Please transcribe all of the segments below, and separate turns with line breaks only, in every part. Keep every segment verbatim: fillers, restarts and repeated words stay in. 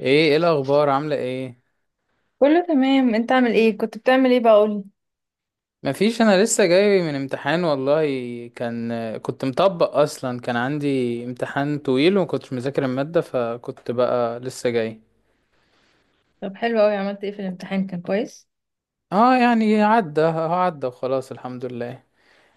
ايه ايه الاخبار عامله ايه؟
كله تمام، انت عامل ايه؟ كنت بتعمل ايه بقى؟ قولي.
مفيش، انا لسه جاي من امتحان والله. كان كنت مطبق اصلا، كان عندي امتحان طويل ومكنتش مذاكر الماده، فكنت بقى لسه جاي.
طب حلو قوي، عملت ايه في الامتحان؟ كان كويس؟
اه يعني عدى، هو عدى وخلاص الحمد لله.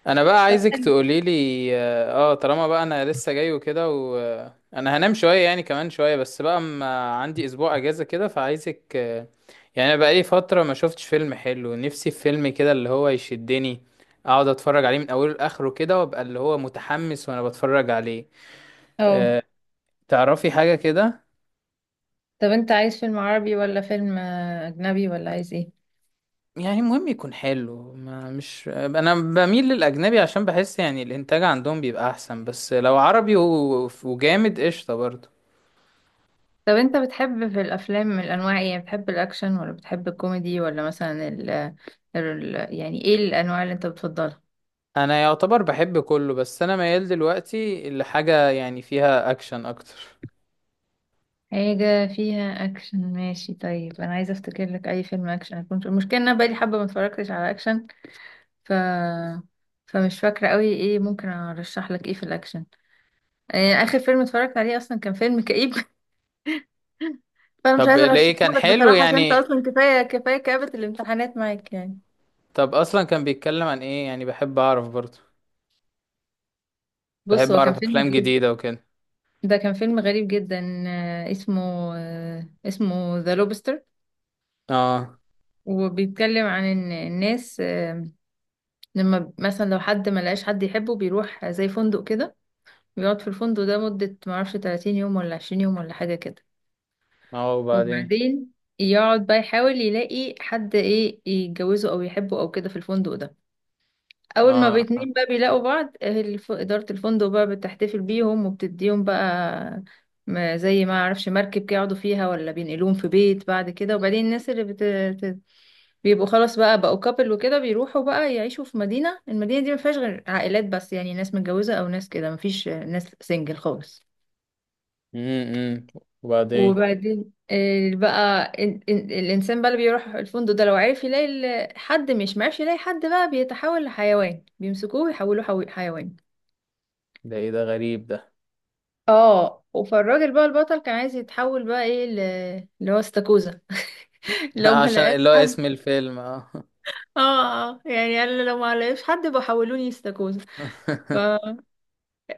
انا بقى
طب.
عايزك تقولي لي. اه آه، طالما بقى انا لسه جاي وكده وانا هنام شويه يعني كمان شويه، بس بقى اما عندي اسبوع اجازه كده فعايزك آه، يعني انا بقى لي فتره ما شفتش فيلم حلو، نفسي في فيلم كده اللي هو يشدني، اقعد اتفرج عليه من اوله لاخره كده وابقى اللي هو متحمس وانا بتفرج عليه.
اه.
آه، تعرفي حاجه كده؟
طب انت عايز فيلم عربي ولا فيلم آه، اجنبي، ولا عايز ايه؟
يعني المهم يكون حلو. ما مش انا بميل للاجنبي عشان بحس يعني الانتاج عندهم بيبقى احسن، بس لو عربي و- وجامد قشطه برضه.
طب انت بتحب في الافلام من الانواع ايه؟ يعني بتحب الاكشن ولا بتحب الكوميدي ولا مثلا ال... ال... يعني ايه الانواع اللي انت بتفضلها؟
انا يعتبر بحب كله، بس انا ميال دلوقتي لحاجة يعني فيها اكشن اكتر.
حاجة فيها أكشن ماشي. طيب أنا عايزة أفتكر لك أي فيلم أكشن. أكون المشكلة إن أنا بقالي حبة ما اتفرجتش على أكشن ف... فمش فاكرة قوي إيه ممكن أرشح لك، إيه في الأكشن. يعني اخر فيلم اتفرجت عليه اصلا كان فيلم كئيب. فانا مش
طب
عايزه
ليه، كان
ارشحهولك
حلو
بصراحه، عشان انت
يعني؟
اصلا كفايه كفايه كآبة الامتحانات معاك يعني.
طب اصلا كان بيتكلم عن ايه يعني؟ بحب اعرف برضه،
بص،
بحب
هو كان
اعرف
فيلم
افلام
غريب.
جديدة وكده.
ده كان فيلم غريب جدا، آه، اسمه آه، اسمه ذا لوبستر.
اه،
وبيتكلم عن ان الناس، آه، لما مثلا لو حد ما لقاش حد يحبه بيروح زي فندق كده، بيقعد في الفندق ده مدة ما اعرفش تلاتين يوم ولا عشرين يوم ولا حاجة كده.
اه، وبعدين؟
وبعدين يقعد بقى يحاول يلاقي حد ايه، يتجوزه او يحبه او كده في الفندق ده. اول ما
اه.
باتنين بقى بيلاقوا بعض، أهل الف- اداره الفندق بقى بتحتفل بيهم وبتديهم بقى ما- زي ما اعرفش مركب كده يقعدوا فيها، ولا بينقلوهم في بيت بعد كده. وبعدين الناس اللي بت... بت- بيبقوا خلاص بقى، بقوا كابل وكده، بيروحوا بقى يعيشوا في مدينه المدينه دي ما فيهاش غير عائلات بس، يعني ناس متجوزه او ناس كده، ما فيش ناس سنجل خالص.
امم وبعدين؟
وبعدين آه، بقى ال- ال- الانسان بقى اللي بيروح الفندق ده لو عرف يلاقي ال- حد، مش معرفش يلاقي حد، بقى بيتحول لحيوان. بيمسكوه ويحولوه حو- حيوان.
ده ايه ده، غريب ده.
اه. فالراجل بقى البطل كان عايز يتحول بقى ايه ل... اللي هو استاكوزا. لو ما
عشان
لقاش
اللي هو
حد.
اسم الفيلم، اه.
اه. آه، يعني قال لو ما لقاش حد بحولوني استاكوزا. ف-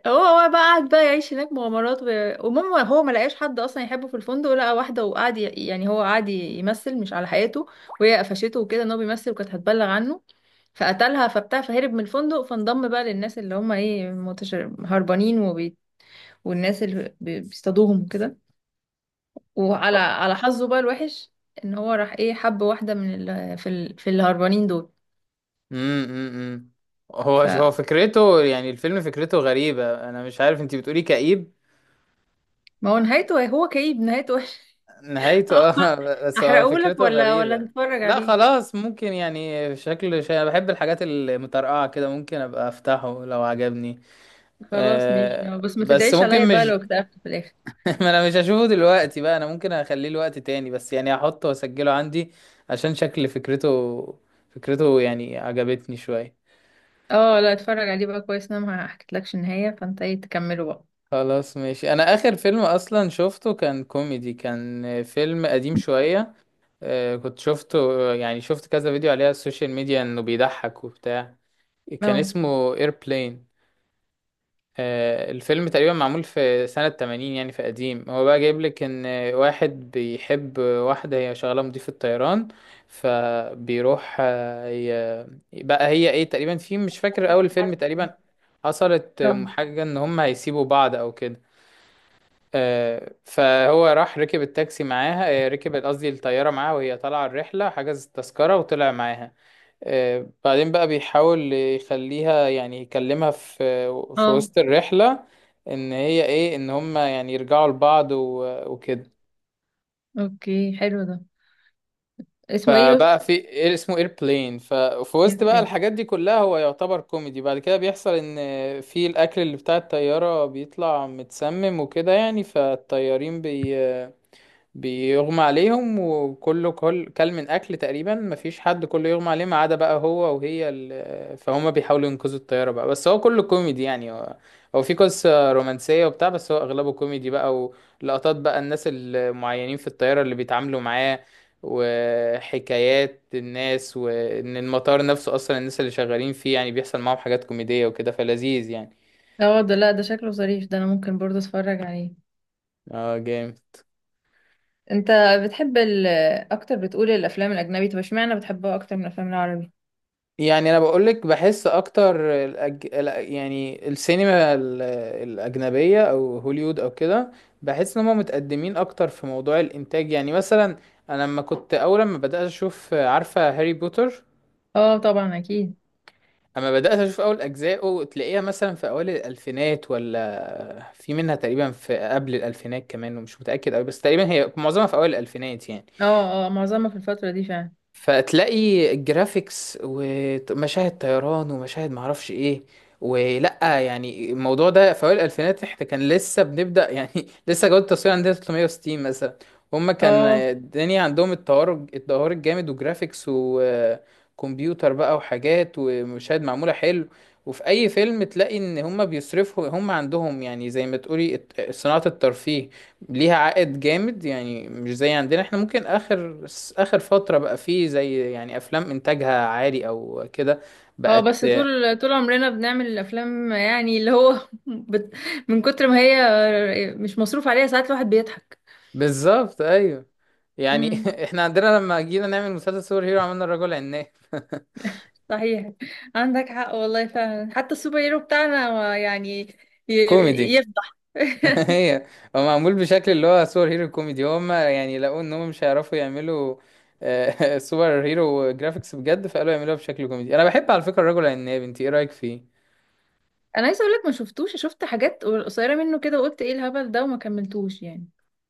هو هو بقى قعد بقى يعيش هناك مغامرات و... ومهم هو ما لقاش حد اصلا يحبه في الفندق. لقى واحده وقعد ي... يعني هو قعد ي- يمثل مش على حقيقته. وهي قفشته وكده ان هو بيمثل، وكانت هتبلغ عنه فقتلها فبتاع، فهرب من الفندق، فانضم بقى للناس اللي هم ايه متشر... هربانين. وبي... والناس اللي بي- بيصطادوهم وكده. وعلى على حظه بقى الوحش ان هو راح ايه حب واحده من ال... في ال... في الهربانين دول.
امم. هو هو
فما
فكرته، يعني الفيلم فكرته غريبة، انا مش عارف انتي بتقولي كئيب.
هو نهايته إيه؟ هو كئيب، نهايته وحش.
نهايته، اه. بس هو
احرقهولك
فكرته
ولا ولا
غريبة.
تتفرج
لا
عليه؟
خلاص ممكن، يعني شكل شيء، انا بحب الحاجات المترقعة كده، ممكن ابقى افتحه لو عجبني.
خلاص ماشي،
أه
بس ما
بس
تدعيش عليا
ممكن،
بقى
مش
لو اكتئبت في الاخر.
ما انا مش هشوفه دلوقتي بقى، انا ممكن اخليه لوقت تاني، بس يعني هحطه واسجله عندي عشان شكل فكرته، فكرته يعني عجبتني شوية.
اه، لا اتفرج عليه بقى كويس، انا ما حكيتلكش النهايه، فانت ايه تكمله بقى.
خلاص ماشي. انا اخر فيلم اصلا شفته كان كوميدي، كان فيلم قديم شوية. آه، كنت شفته، يعني شفت كذا فيديو عليه على السوشيال ميديا انه بيضحك وبتاع. كان
اه.
اسمه ايربلين، الفيلم تقريبا معمول في سنة ثمانين يعني، في قديم. هو بقى جايب لك ان واحد بيحب واحدة، هي شغالة مضيفة طيران. فبيروح آه، ي- بقى هي ايه، تقريبا في، مش فاكر، اول فيلم تقريبا حصلت
اه.
حاجة ان هم هيسيبوا بعض او كده. آه، فهو راح ركب التاكسي معاها، آه، ركب قصدي الطيارة معاها، وهي طالعة الرحلة حجز التذكرة وطلع معاها. آه، بعدين بقى بيحاول يخليها يعني يكلمها في في
اه.
وسط الرحلة ان هي ايه، ان هما يعني يرجعوا لبعض و- وكده.
اوكي، حلو ده. اسمه ايه
فبقى
قلت؟
في إيه، اسمه ايربلين. ففي وسط
اسمه
بقى
ايه؟
الحاجات دي كلها، هو يعتبر كوميدي، بعد كده بيحصل ان في الاكل اللي بتاع الطيارة بيطلع متسمم وكده يعني، فالطيارين بي بيغمى عليهم، وكله، كل كل من اكل تقريبا، مفيش حد، كله يغمى عليه ما عدا بقى هو وهي. ال... فهم بيحاولوا ينقذوا الطياره بقى، بس هو كله كوميدي يعني. هو هو في قصه رومانسيه وبتاع، بس هو اغلبه كوميدي بقى، ولقطات بقى الناس المعينين في الطياره اللي بيتعاملوا معاه، وحكايات الناس، وان المطار نفسه اصلا الناس اللي شغالين فيه يعني بيحصل معاهم حاجات كوميديه وكده، فلذيذ يعني.
اه، ده لا ده شكله ظريف ده، انا ممكن برضه اتفرج عليه.
اه جامد
انت بتحب ال... اكتر، بتقول الافلام الاجنبي، طب اشمعنى بتحبها اكتر من الافلام العربي؟
يعني. انا بقولك، بحس اكتر الأج... ال- يعني السينما ال- الاجنبيه او هوليوود او كده، بحس ان هم متقدمين اكتر في موضوع الانتاج. يعني مثلا انا لما كنت اول ما بدات اشوف، عارفه هاري بوتر؟
اه طبعا اكيد.
اما بدات اشوف اول اجزائه، تلاقيها مثلا في اوائل الالفينات، ولا في منها تقريبا في قبل الالفينات كمان، ومش متاكد قوي، بس تقريبا هي معظمها في اوائل الالفينات يعني.
اه اه، معظمها في الفترة دي فعلا.
فتلاقي الجرافيكس ومشاهد طيران، ومشاهد معرفش ايه. ولا يعني الموضوع ده، في اوائل الالفينات احنا كان لسه بنبدا يعني، لسه جوده التصوير عندنا تلتمية وستين مثلا. هما كان
اه
الدنيا عندهم التطور، التطور الجامد وجرافيكس وكمبيوتر بقى وحاجات ومشاهد معموله حلو. وفي اي فيلم تلاقي ان هما بيصرفوا، هما عندهم يعني زي ما تقولي الت- صناعه الترفيه ليها عائد جامد يعني، مش زي عندنا. احنا ممكن اخر اخر فترة بقى فيه زي يعني افلام انتاجها عالي او كده
اه،
بقت.
بس طول طول عمرنا بنعمل الافلام، يعني اللي هو بت... من كتر ما هي مش مصروف عليها ساعات الواحد بيضحك.
بالظبط، ايوه. يعني
امم.
احنا عندنا لما جينا نعمل مسلسل سوبر هيرو، عملنا الرجل عناب.
صحيح، عندك حق والله فعلا، حتى السوبر هيرو بتاعنا هو يعني ي...
كوميدي.
يفضح.
هي هو معمول بشكل اللي هو سوبر هيرو كوميدي، هما يعني لقوا ان هم مش هيعرفوا يعملوا آه، سوبر هيرو جرافيكس بجد، فقالوا يعملوها بشكل كوميدي. انا بحب على فكرة الرجل العناب، انت ايه رأيك فيه؟
انا عايزه اقول لك ما شفتوش، شفت حاجات قصيره منه كده وقلت ايه الهبل ده، وما كملتوش يعني.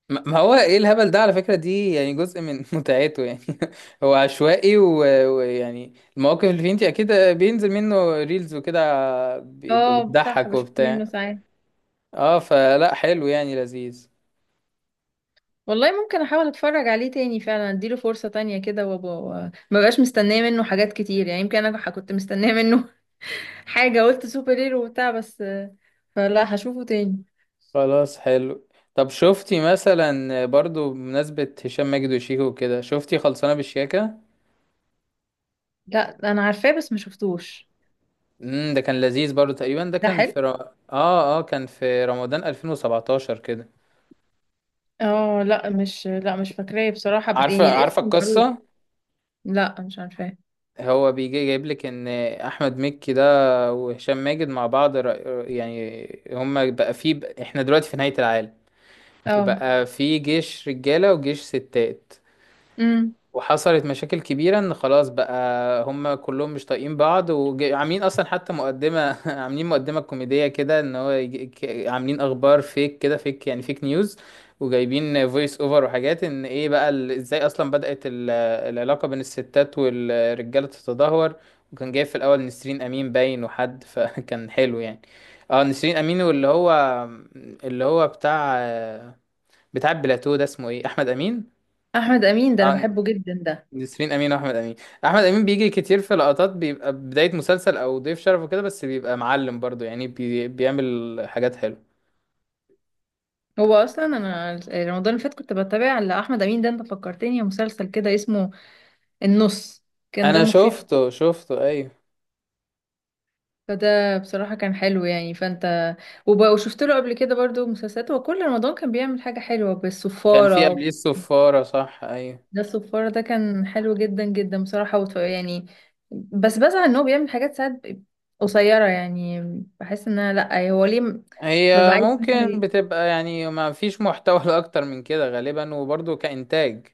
ما ما هو ايه الهبل ده على فكرة، دي يعني جزء من متعته يعني. هو عشوائي، و- ويعني المواقف اللي فيه انت اكيد بينزل منه ريلز وكده، بيبقى
اه صح،
بتضحك
بشوف منه
وبتاع.
ساعات.
اه، فلا، حلو يعني، لذيذ.
والله ممكن احاول اتفرج عليه تاني فعلا، اديله فرصة تانية كده، وابقى مبقاش مستنية منه حاجات كتير. يعني يمكن انا كنت مستنية منه حاجة، قلت سوبر هيرو وبتاع بس. فلا، هشوفه تاني.
خلاص، حلو. طب شفتي مثلا برضو بمناسبة هشام ماجد وشيكو وكده، شفتي خلصانة بالشياكة؟
لا انا عارفاه بس ما شفتوش.
امم ده كان لذيذ برضو، تقريبا ده
ده
كان
حلو.
في ر... اه اه كان في رمضان ألفين وسبعتاشر كده.
اه لا مش لا مش فاكراه بصراحة، بس
عارفة،
يعني
عارفة
الاسم معروف.
القصة؟
لا مش عارفاه.
هو بيجي جايب لك ان احمد مكي ده وهشام ماجد مع بعض رأ- يعني هما بقى في، احنا دلوقتي في نهاية العالم،
اه.
وبقى في جيش رجالة وجيش ستات.
امم.
وحصلت مشاكل كبيرة ان خلاص بقى، هما كلهم مش طايقين بعض، وعاملين اصلا حتى مقدمة عاملين مقدمة كوميدية كده ان هو يجي- ك- عاملين اخبار فيك كده، فيك يعني، فيك نيوز. وجايبين فويس اوفر، وحاجات ان ايه بقى ال- ازاي اصلا بدأت ال- العلاقة بين الستات والرجالة تتدهور. وكان جايب في الاول نسرين امين باين، وحد فكان حلو يعني. اه، نسرين امين واللي هو، اللي هو بتاع بتاع بلاتو ده اسمه ايه، احمد امين.
احمد امين ده انا
اه،
بحبه جدا ده.
نسرين امين واحمد امين. احمد امين بيجي كتير في لقطات، بيبقى بدايه مسلسل او ضيف شرف وكده، بس بيبقى معلم برضو يعني، بي... بيعمل حاجات حلوه.
هو اصلا انا رمضان اللي فات كنت بتابع لاحمد امين ده، انت فكرتني مسلسل كده اسمه النص. كان
انا
دمه خفيف.
شفته، شفته ايوه.
فده بصراحة كان حلو يعني. فانت وب... وشفت له قبل كده برضو مسلسلات. هو كل رمضان كان بيعمل حاجة حلوة.
كان في
بالصفارة،
قبليه الصفاره، صح ايوه.
ده الصفارة ده كان حلو جدا جدا بصراحة. وط... يعني بس بزعل ان هو بيعمل حاجات ساعات ب- قصيرة يعني. بحس ان انا، لا هو ليه م- ببقى
هي
عايز إن هو
ممكن
ي-
بتبقى يعني ما فيش محتوى اكتر من كده غالبا، وبرضو كانتاج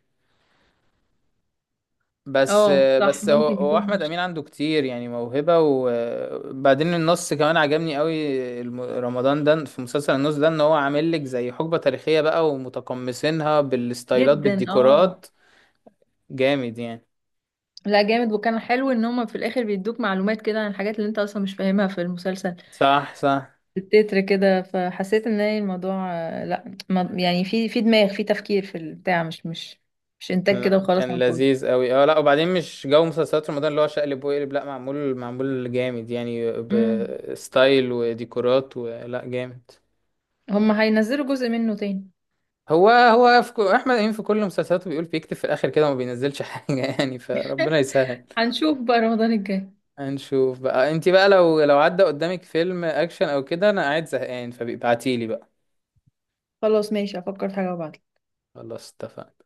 بس.
اه صح،
بس هو
ممكن
هو
يكون
احمد
مش
امين عنده كتير يعني موهبه، وبعدين النص كمان عجبني قوي. الم- رمضان ده في مسلسل النص ده، ان هو عامل لك زي حقبه تاريخيه بقى، ومتقمصينها بالستايلات،
جدا. اه
بالديكورات جامد يعني.
لا جامد. وكان حلو ان هما في الاخر بيدوك معلومات كده عن الحاجات اللي انت اصلا مش فاهمها في المسلسل،
صح، صح.
التتر كده. فحسيت ان هي الموضوع آه، لا ما- يعني في في دماغ، في تفكير، في البتاع، مش مش مش انتاج كده
لا،
وخلاص
كان
على الفاضي.
لذيذ قوي. اه لا، وبعدين مش جو مسلسلات رمضان اللي هو شقلب وقلب، لا، معمول معمول جامد يعني،
امم.
بستايل وديكورات، ولا جامد.
هم هينزلوا جزء منه تاني؟
هو هو في كو... احمد امين في كل مسلسلاته بيقول بيكتب في الاخر كده وما بينزلش حاجه يعني، فربنا يسهل.
هنشوف بقى رمضان الجاي.
هنشوف بقى. انت بقى لو لو عدى قدامك فيلم اكشن او كده، انا قاعد زهقان، فبيبعتيلي بقى.
خلاص ماشي، افكر في حاجة وابعتلك.
خلاص، اتفقنا.